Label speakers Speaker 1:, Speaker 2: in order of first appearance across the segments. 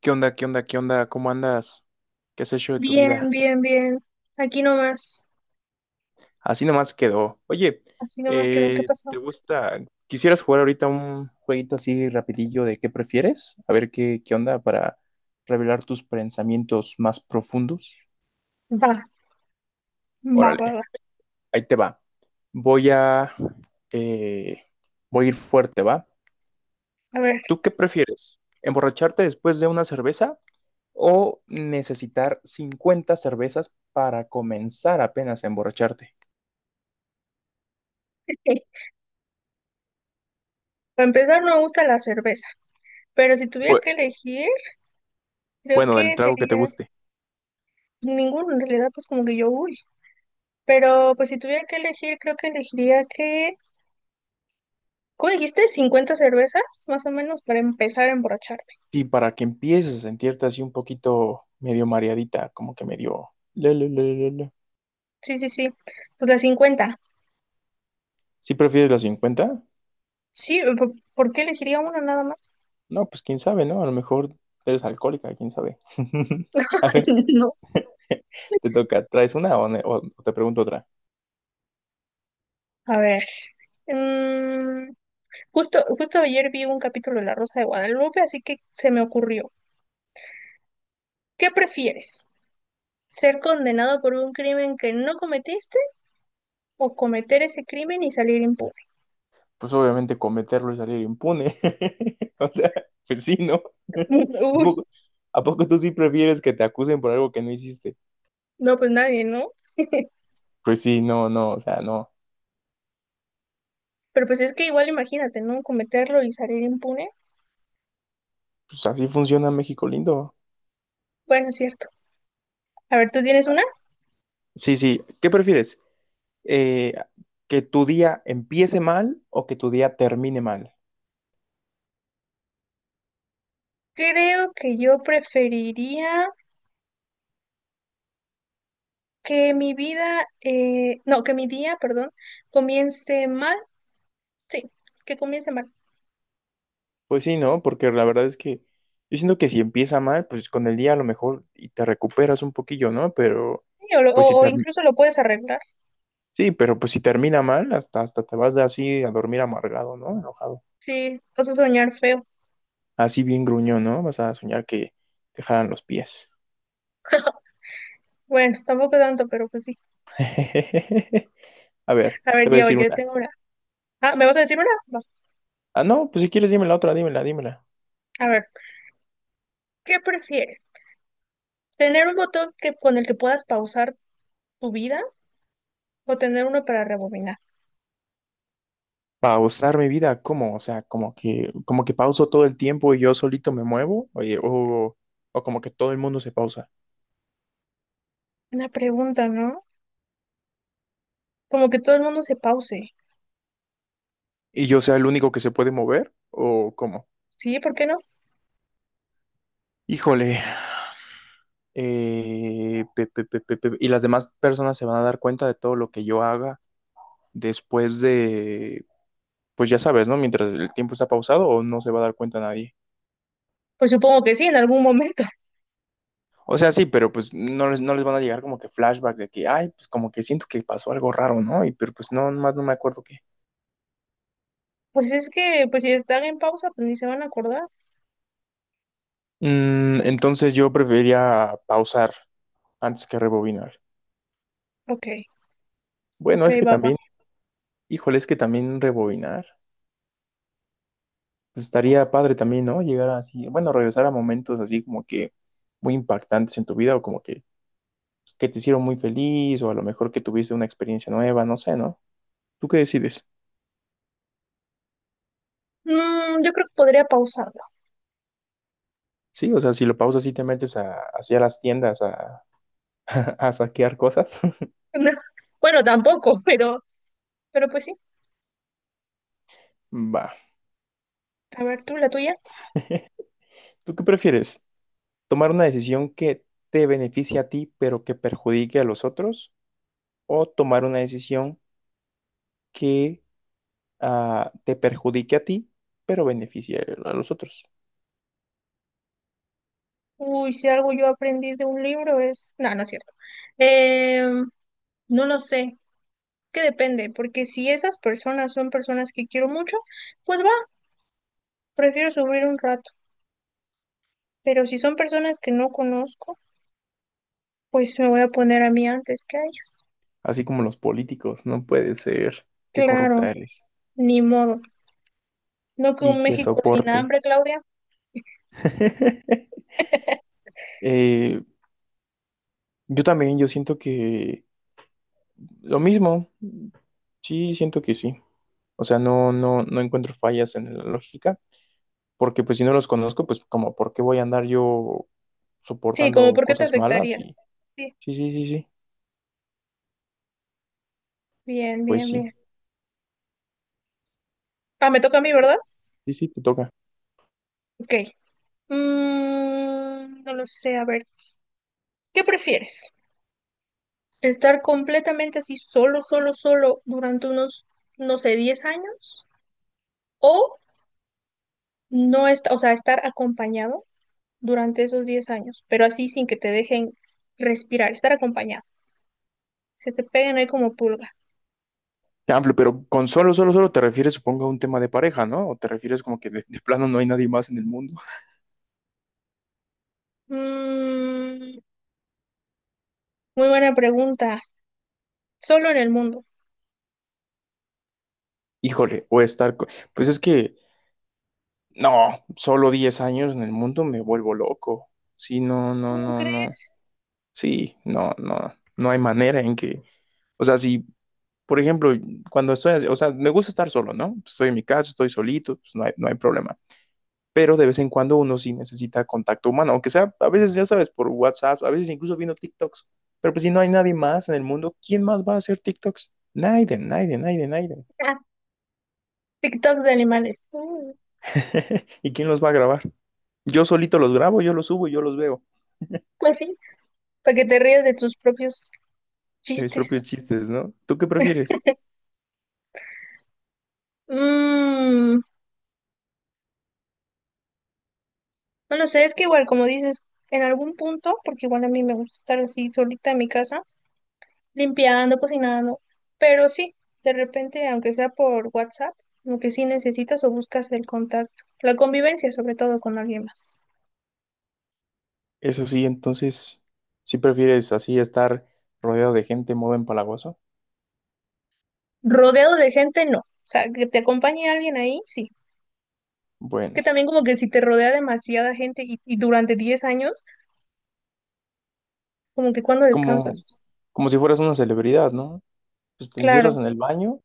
Speaker 1: ¿Qué onda? ¿Qué onda? ¿Qué onda? ¿Cómo andas? ¿Qué has hecho de tu
Speaker 2: Bien,
Speaker 1: vida?
Speaker 2: bien, bien. Aquí nomás,
Speaker 1: Así nomás quedó. Oye,
Speaker 2: así nomás quedó. ¿Qué
Speaker 1: ¿te
Speaker 2: pasó?
Speaker 1: gusta? ¿Quisieras jugar ahorita un jueguito así rapidillo de qué prefieres? A ver qué onda para revelar tus pensamientos más profundos.
Speaker 2: Va, va,
Speaker 1: Órale,
Speaker 2: va, va.
Speaker 1: ahí te va. Voy a, eh, Voy a ir fuerte, ¿va?
Speaker 2: A ver,
Speaker 1: ¿Tú qué prefieres? ¿Emborracharte después de una cerveza o necesitar 50 cervezas para comenzar apenas a emborracharte?
Speaker 2: eh, para empezar no me gusta la cerveza, pero si tuviera que elegir, creo
Speaker 1: Bueno, del
Speaker 2: que
Speaker 1: trago que te
Speaker 2: sería
Speaker 1: guste.
Speaker 2: ninguno. En realidad, pues como que yo, uy. Pero pues si tuviera que elegir, creo que elegiría que, ¿cómo dijiste? 50 cervezas, más o menos, para empezar a emborracharme.
Speaker 1: Y para que empieces a sentirte así un poquito medio mareadita, como que medio la, la, la, la, la.
Speaker 2: Sí, sí, sí. Pues las 50.
Speaker 1: ¿Sí prefieres los 50?
Speaker 2: Sí, ¿por qué elegiría una nada más?
Speaker 1: No, pues quién sabe, ¿no? A lo mejor eres alcohólica, quién sabe. A ver,
Speaker 2: No.
Speaker 1: te toca, ¿traes una o, o te pregunto otra?
Speaker 2: A ver. mm, Justo, justo ayer vi un capítulo de La Rosa de Guadalupe, así que se me ocurrió. ¿Qué prefieres? ¿Ser condenado por un crimen que no cometiste o cometer ese crimen y salir impune?
Speaker 1: Pues obviamente cometerlo y salir impune. O sea, pues sí, ¿no? ¿A
Speaker 2: Uy,
Speaker 1: poco, a poco tú sí prefieres que te acusen por algo que no hiciste?
Speaker 2: no, pues nadie, ¿no?
Speaker 1: Pues sí, no, no, o sea, no.
Speaker 2: Pero pues es que igual imagínate, ¿no? Cometerlo y salir impune.
Speaker 1: Pues así funciona México lindo.
Speaker 2: Bueno, es cierto. A ver, ¿tú tienes una?
Speaker 1: Sí, sí. ¿Qué prefieres? Eh, ¿Que tu día empiece mal o que tu día termine mal?
Speaker 2: Creo que yo preferiría que mi vida, no, que mi día, perdón, comience mal. Sí, que comience mal.
Speaker 1: Pues sí, ¿no? Porque la verdad es que yo siento que si empieza mal, pues con el día a lo mejor y te recuperas un poquillo, ¿no? Pero
Speaker 2: Sí, O, lo-
Speaker 1: pues si
Speaker 2: o o
Speaker 1: termi-
Speaker 2: incluso lo puedes arreglar.
Speaker 1: sí, pero pues si termina mal, hasta te vas de así a dormir amargado, ¿no? Enojado.
Speaker 2: Sí, vas a soñar feo.
Speaker 1: Así bien gruñón, ¿no? Vas a soñar que te jalan los pies.
Speaker 2: Bueno, tampoco tanto, pero pues sí.
Speaker 1: A ver,
Speaker 2: A
Speaker 1: te
Speaker 2: ver,
Speaker 1: voy a
Speaker 2: yo,
Speaker 1: decir
Speaker 2: yo
Speaker 1: una.
Speaker 2: tengo una. Ah, ¿me vas a decir una? Va.
Speaker 1: Ah, no, pues si quieres, dímela.
Speaker 2: A ver, ¿qué prefieres? ¿Tener un botón que, con el que puedas pausar tu vida o tener uno para rebobinar?
Speaker 1: Pausar mi vida, ¿cómo? O sea, como que pauso todo el tiempo y yo solito me muevo, oye, o como que todo el mundo se pausa
Speaker 2: Una pregunta, ¿no? Como que todo el mundo se pause.
Speaker 1: y yo sea el único que se puede mover, o cómo.
Speaker 2: ¿Sí? ¿Por qué no?
Speaker 1: Híjole, y las demás personas se van a dar cuenta de todo lo que yo haga después de, pues ya sabes, ¿no? Mientras el tiempo está pausado o no se va a dar cuenta nadie.
Speaker 2: Pues supongo que sí, en algún momento.
Speaker 1: O sea, sí, pero pues no les van a llegar como que flashbacks de que, ay, pues como que siento que pasó algo raro, ¿no? Y pero pues no, más no me acuerdo qué.
Speaker 2: Pues es que, pues si están en pausa, pues ni se van a acordar.
Speaker 1: Entonces yo preferiría pausar antes que rebobinar.
Speaker 2: Ok,
Speaker 1: Bueno,
Speaker 2: ok,
Speaker 1: es que
Speaker 2: va, va.
Speaker 1: también, híjole, es que también rebobinar. Pues, estaría padre también, ¿no? Llegar así, bueno, regresar a momentos así como que muy impactantes en tu vida o como que, pues, que te hicieron muy feliz o a lo mejor que tuviste una experiencia nueva, no sé, ¿no? ¿Tú qué decides?
Speaker 2: Yo creo que podría pausarlo.
Speaker 1: Sí, o sea, si lo pausas y te metes a, hacia las tiendas a, a saquear cosas.
Speaker 2: Bueno, tampoco, pero pues sí.
Speaker 1: Va.
Speaker 2: A ver, tú, la tuya.
Speaker 1: ¿Tú qué prefieres? ¿Tomar una decisión que te beneficie a ti pero que perjudique a los otros? O tomar una decisión que te perjudique a ti, pero beneficie a los otros.
Speaker 2: Uy, si algo yo aprendí de un libro es. No, no es cierto. Em, no lo sé, que depende, porque si esas personas son personas que quiero mucho, pues va, prefiero subir un rato. Pero si son personas que no conozco, pues me voy a poner a mí antes que a ellos.
Speaker 1: Así como los políticos, no puede ser que
Speaker 2: Claro,
Speaker 1: corrupta eres
Speaker 2: ni modo. No que
Speaker 1: y
Speaker 2: un
Speaker 1: que
Speaker 2: México sin
Speaker 1: soporte.
Speaker 2: hambre, Claudia.
Speaker 1: Eh, yo también, yo siento que lo mismo, sí, siento que sí. O sea, no, no, no encuentro fallas en la lógica, porque pues si no los conozco, pues como, ¿por qué voy a andar yo
Speaker 2: Sí, como
Speaker 1: soportando
Speaker 2: por qué te
Speaker 1: cosas malas?
Speaker 2: afectaría.
Speaker 1: Y
Speaker 2: Sí,
Speaker 1: sí, sí, sí, sí,
Speaker 2: bien,
Speaker 1: pues
Speaker 2: bien,
Speaker 1: sí,
Speaker 2: bien. Ah, me toca a mí, ¿verdad?
Speaker 1: sí, sí, te toca.
Speaker 2: Ok. No lo sé, a ver. ¿Qué prefieres? Estar completamente así solo, solo, solo durante unos, no sé, 10 años o no estar, o sea, estar acompañado durante esos 10 años, pero así sin que te dejen respirar, estar acompañado. Se te pegan ahí como pulga.
Speaker 1: Amplio, pero con solo, solo, solo te refieres, supongo, a un tema de pareja, ¿no? O te refieres como que de plano no hay nadie más en el mundo.
Speaker 2: Mm, Muy buena pregunta. Solo en el mundo.
Speaker 1: Híjole, Pues es que, no, solo 10 años en el mundo me vuelvo loco. Sí, no, no,
Speaker 2: ¿Cómo
Speaker 1: no, no.
Speaker 2: crees?
Speaker 1: Sí, no, no. No hay manera en que. O sea, si, por ejemplo, O sea, me gusta estar solo, ¿no? Estoy en mi casa, estoy solito, pues no hay problema. Pero de vez en cuando uno sí necesita contacto humano, aunque sea a veces, ya sabes, por WhatsApp, a veces incluso viendo TikToks, pero pues si no hay nadie más en el mundo, ¿quién más va a hacer TikToks? Nadie, nadie, nadie, nadie.
Speaker 2: Ah, TikToks de animales.
Speaker 1: ¿Y quién los va a grabar? Yo solito los grabo, yo los subo y yo los veo
Speaker 2: Pues sí, para que te rías de tus propios
Speaker 1: de mis
Speaker 2: chistes.
Speaker 1: propios chistes, ¿no? ¿Tú qué prefieres?
Speaker 2: Mm, No lo sé, es que igual, como dices, en algún punto, porque igual a mí me gusta estar así solita en mi casa, limpiando, cocinando, pero sí, de repente, aunque sea por WhatsApp, como que sí necesitas o buscas el contacto, la convivencia sobre todo con alguien más.
Speaker 1: Eso sí, entonces, si prefieres así estar rodeado de gente modo empalagoso?
Speaker 2: Rodeado de gente, no. O sea, que te acompañe alguien ahí, sí. Es
Speaker 1: Bueno,
Speaker 2: que también como que si te rodea demasiada gente y durante 10 años, como que cuando
Speaker 1: es como,
Speaker 2: descansas.
Speaker 1: como si fueras una celebridad, ¿no? Pues te encierras
Speaker 2: Claro.
Speaker 1: en el baño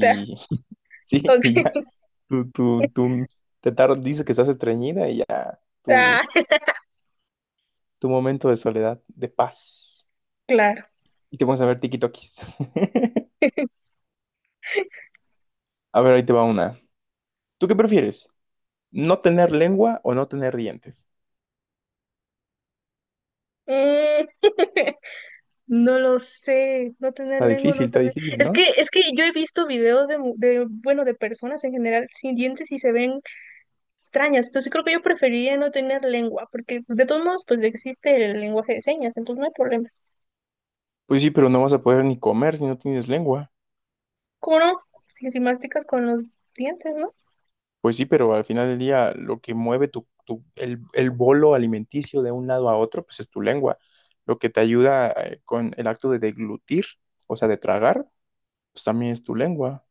Speaker 1: sí, y ya.
Speaker 2: Ok.
Speaker 1: Tú dices que estás estreñida y ya
Speaker 2: Ah,
Speaker 1: tu momento de soledad, de paz.
Speaker 2: claro.
Speaker 1: Y te pones a ver tikitokis. A ver, ahí te va una. ¿Tú qué prefieres? ¿No tener lengua o no tener dientes?
Speaker 2: Mm. No lo sé, no tener lengua, no
Speaker 1: Está
Speaker 2: tener...
Speaker 1: difícil,
Speaker 2: Es
Speaker 1: ¿no?
Speaker 2: que, es que yo he visto videos de, bueno, de personas en general sin dientes y se ven extrañas. Entonces creo que yo preferiría no tener lengua, porque de todos modos, pues existe el lenguaje de señas, entonces no hay problema.
Speaker 1: Pues sí, pero no vas a poder ni comer si no tienes lengua.
Speaker 2: ¿Cómo no? Si masticas con los dientes, ¿no?
Speaker 1: Pues sí, pero al final del día lo que mueve el bolo alimenticio de un lado a otro, pues es tu lengua. Lo que te ayuda con el acto de deglutir, o sea, de tragar, pues también es tu lengua.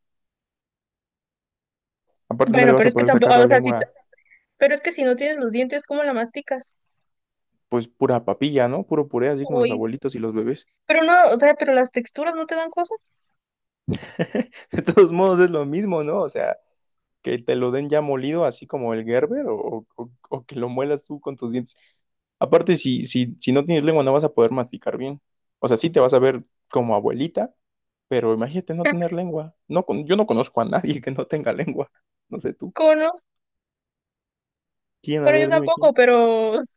Speaker 1: Aparte no le
Speaker 2: Bueno,
Speaker 1: vas
Speaker 2: pero
Speaker 1: a
Speaker 2: es que
Speaker 1: poder
Speaker 2: tampoco,
Speaker 1: sacar la
Speaker 2: o sea, si, t-
Speaker 1: lengua,
Speaker 2: pero es que si no tienes los dientes, ¿cómo la masticas?
Speaker 1: pues pura papilla, ¿no? Puro puré, así como los
Speaker 2: Uy,
Speaker 1: abuelitos y los bebés.
Speaker 2: pero no, o sea, pero las texturas no te dan cosas.
Speaker 1: De todos modos es lo mismo, ¿no? O sea, que te lo den ya molido, así como el Gerber, o que lo muelas tú con tus dientes. Aparte, si no tienes lengua, no vas a poder masticar bien. O sea, sí te vas a ver como abuelita, pero imagínate no tener lengua. No, yo no conozco a nadie que no tenga lengua. No sé tú.
Speaker 2: ¿Cómo no?
Speaker 1: ¿Quién? A
Speaker 2: Bueno, yo
Speaker 1: ver, dime quién.
Speaker 2: tampoco, pero es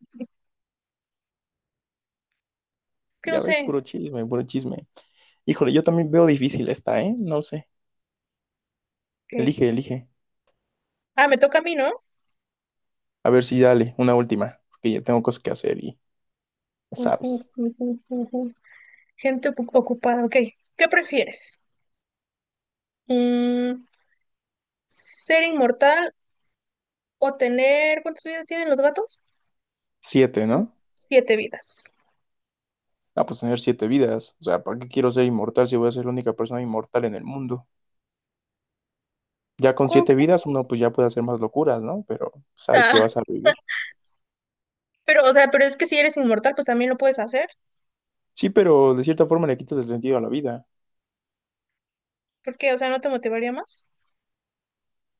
Speaker 2: que no
Speaker 1: Ya ves,
Speaker 2: sé.
Speaker 1: puro chisme, puro chisme. Híjole, yo también veo difícil esta, ¿eh? No sé.
Speaker 2: Ok.
Speaker 1: Elige, elige.
Speaker 2: Ah, me toca a mí, ¿no?
Speaker 1: A ver si dale, una última, porque ya tengo cosas que hacer y ya
Speaker 2: Ujú,
Speaker 1: sabes.
Speaker 2: ujú, ujú. Gente ocupada, ok. ¿Qué prefieres? Mm, ¿Ser inmortal o tener... ¿Cuántas vidas tienen los gatos?
Speaker 1: Siete,
Speaker 2: Mm,
Speaker 1: ¿no?
Speaker 2: Siete vidas.
Speaker 1: Ah, pues tener siete vidas. O sea, ¿para qué quiero ser inmortal si voy a ser la única persona inmortal en el mundo? Ya con
Speaker 2: ¿Cómo
Speaker 1: siete vidas uno
Speaker 2: crees?
Speaker 1: pues ya puede hacer más locuras, ¿no? Pero sabes que
Speaker 2: Ah,
Speaker 1: vas a vivir.
Speaker 2: pero, o sea, pero es que si eres inmortal, pues también lo puedes hacer.
Speaker 1: Sí, pero de cierta forma le quitas el sentido a la vida.
Speaker 2: ¿Por qué? O sea, ¿no te motivaría más?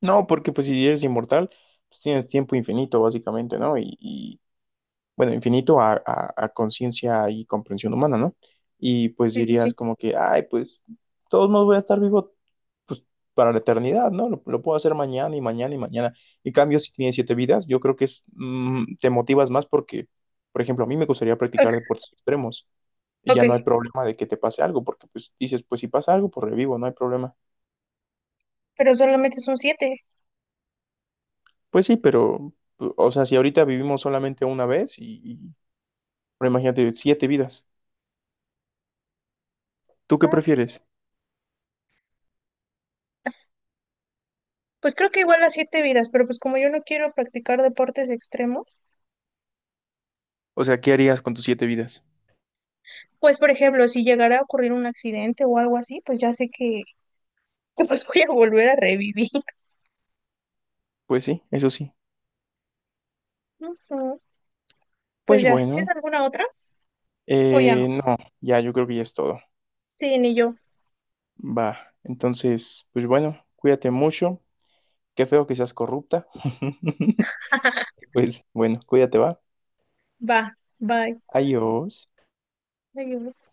Speaker 1: No, porque pues si eres inmortal, pues tienes tiempo infinito básicamente, ¿no? Y, bueno, infinito a conciencia y comprensión humana, ¿no? Y pues
Speaker 2: Sí, sí,
Speaker 1: dirías
Speaker 2: sí.
Speaker 1: como que, ay, pues, de todos modos voy a estar vivo, pues, para la eternidad, ¿no? Lo puedo hacer mañana y mañana y mañana. En cambio, si tienes siete vidas, yo creo que es, te motivas más porque, por ejemplo, a mí me gustaría
Speaker 2: Ah,
Speaker 1: practicar deportes extremos y
Speaker 2: ok,
Speaker 1: ya no hay problema de que te pase algo, porque pues dices, pues si pasa algo, pues revivo, no hay problema.
Speaker 2: pero solamente son siete.
Speaker 1: Pues sí, pero, pues, o sea, si ahorita vivimos solamente una vez pero imagínate, siete vidas. ¿Tú qué
Speaker 2: Vale.
Speaker 1: prefieres?
Speaker 2: Pues creo que igual las siete vidas, pero pues como yo no quiero practicar deportes extremos,
Speaker 1: O sea, ¿qué harías con tus siete vidas?
Speaker 2: pues por ejemplo, si llegara a ocurrir un accidente o algo así, pues ya sé que pues voy a volver a revivir.
Speaker 1: Pues sí, eso sí.
Speaker 2: Ujú. Pues
Speaker 1: Pues
Speaker 2: ya, ¿tienes
Speaker 1: bueno,
Speaker 2: alguna otra? O ya no.
Speaker 1: no, ya yo creo que ya es todo.
Speaker 2: Sí, ni yo.
Speaker 1: Va, entonces, pues bueno, cuídate mucho. Qué feo que seas corrupta. Pues bueno, cuídate, va.
Speaker 2: Va, bye.
Speaker 1: Adiós.
Speaker 2: Adiós.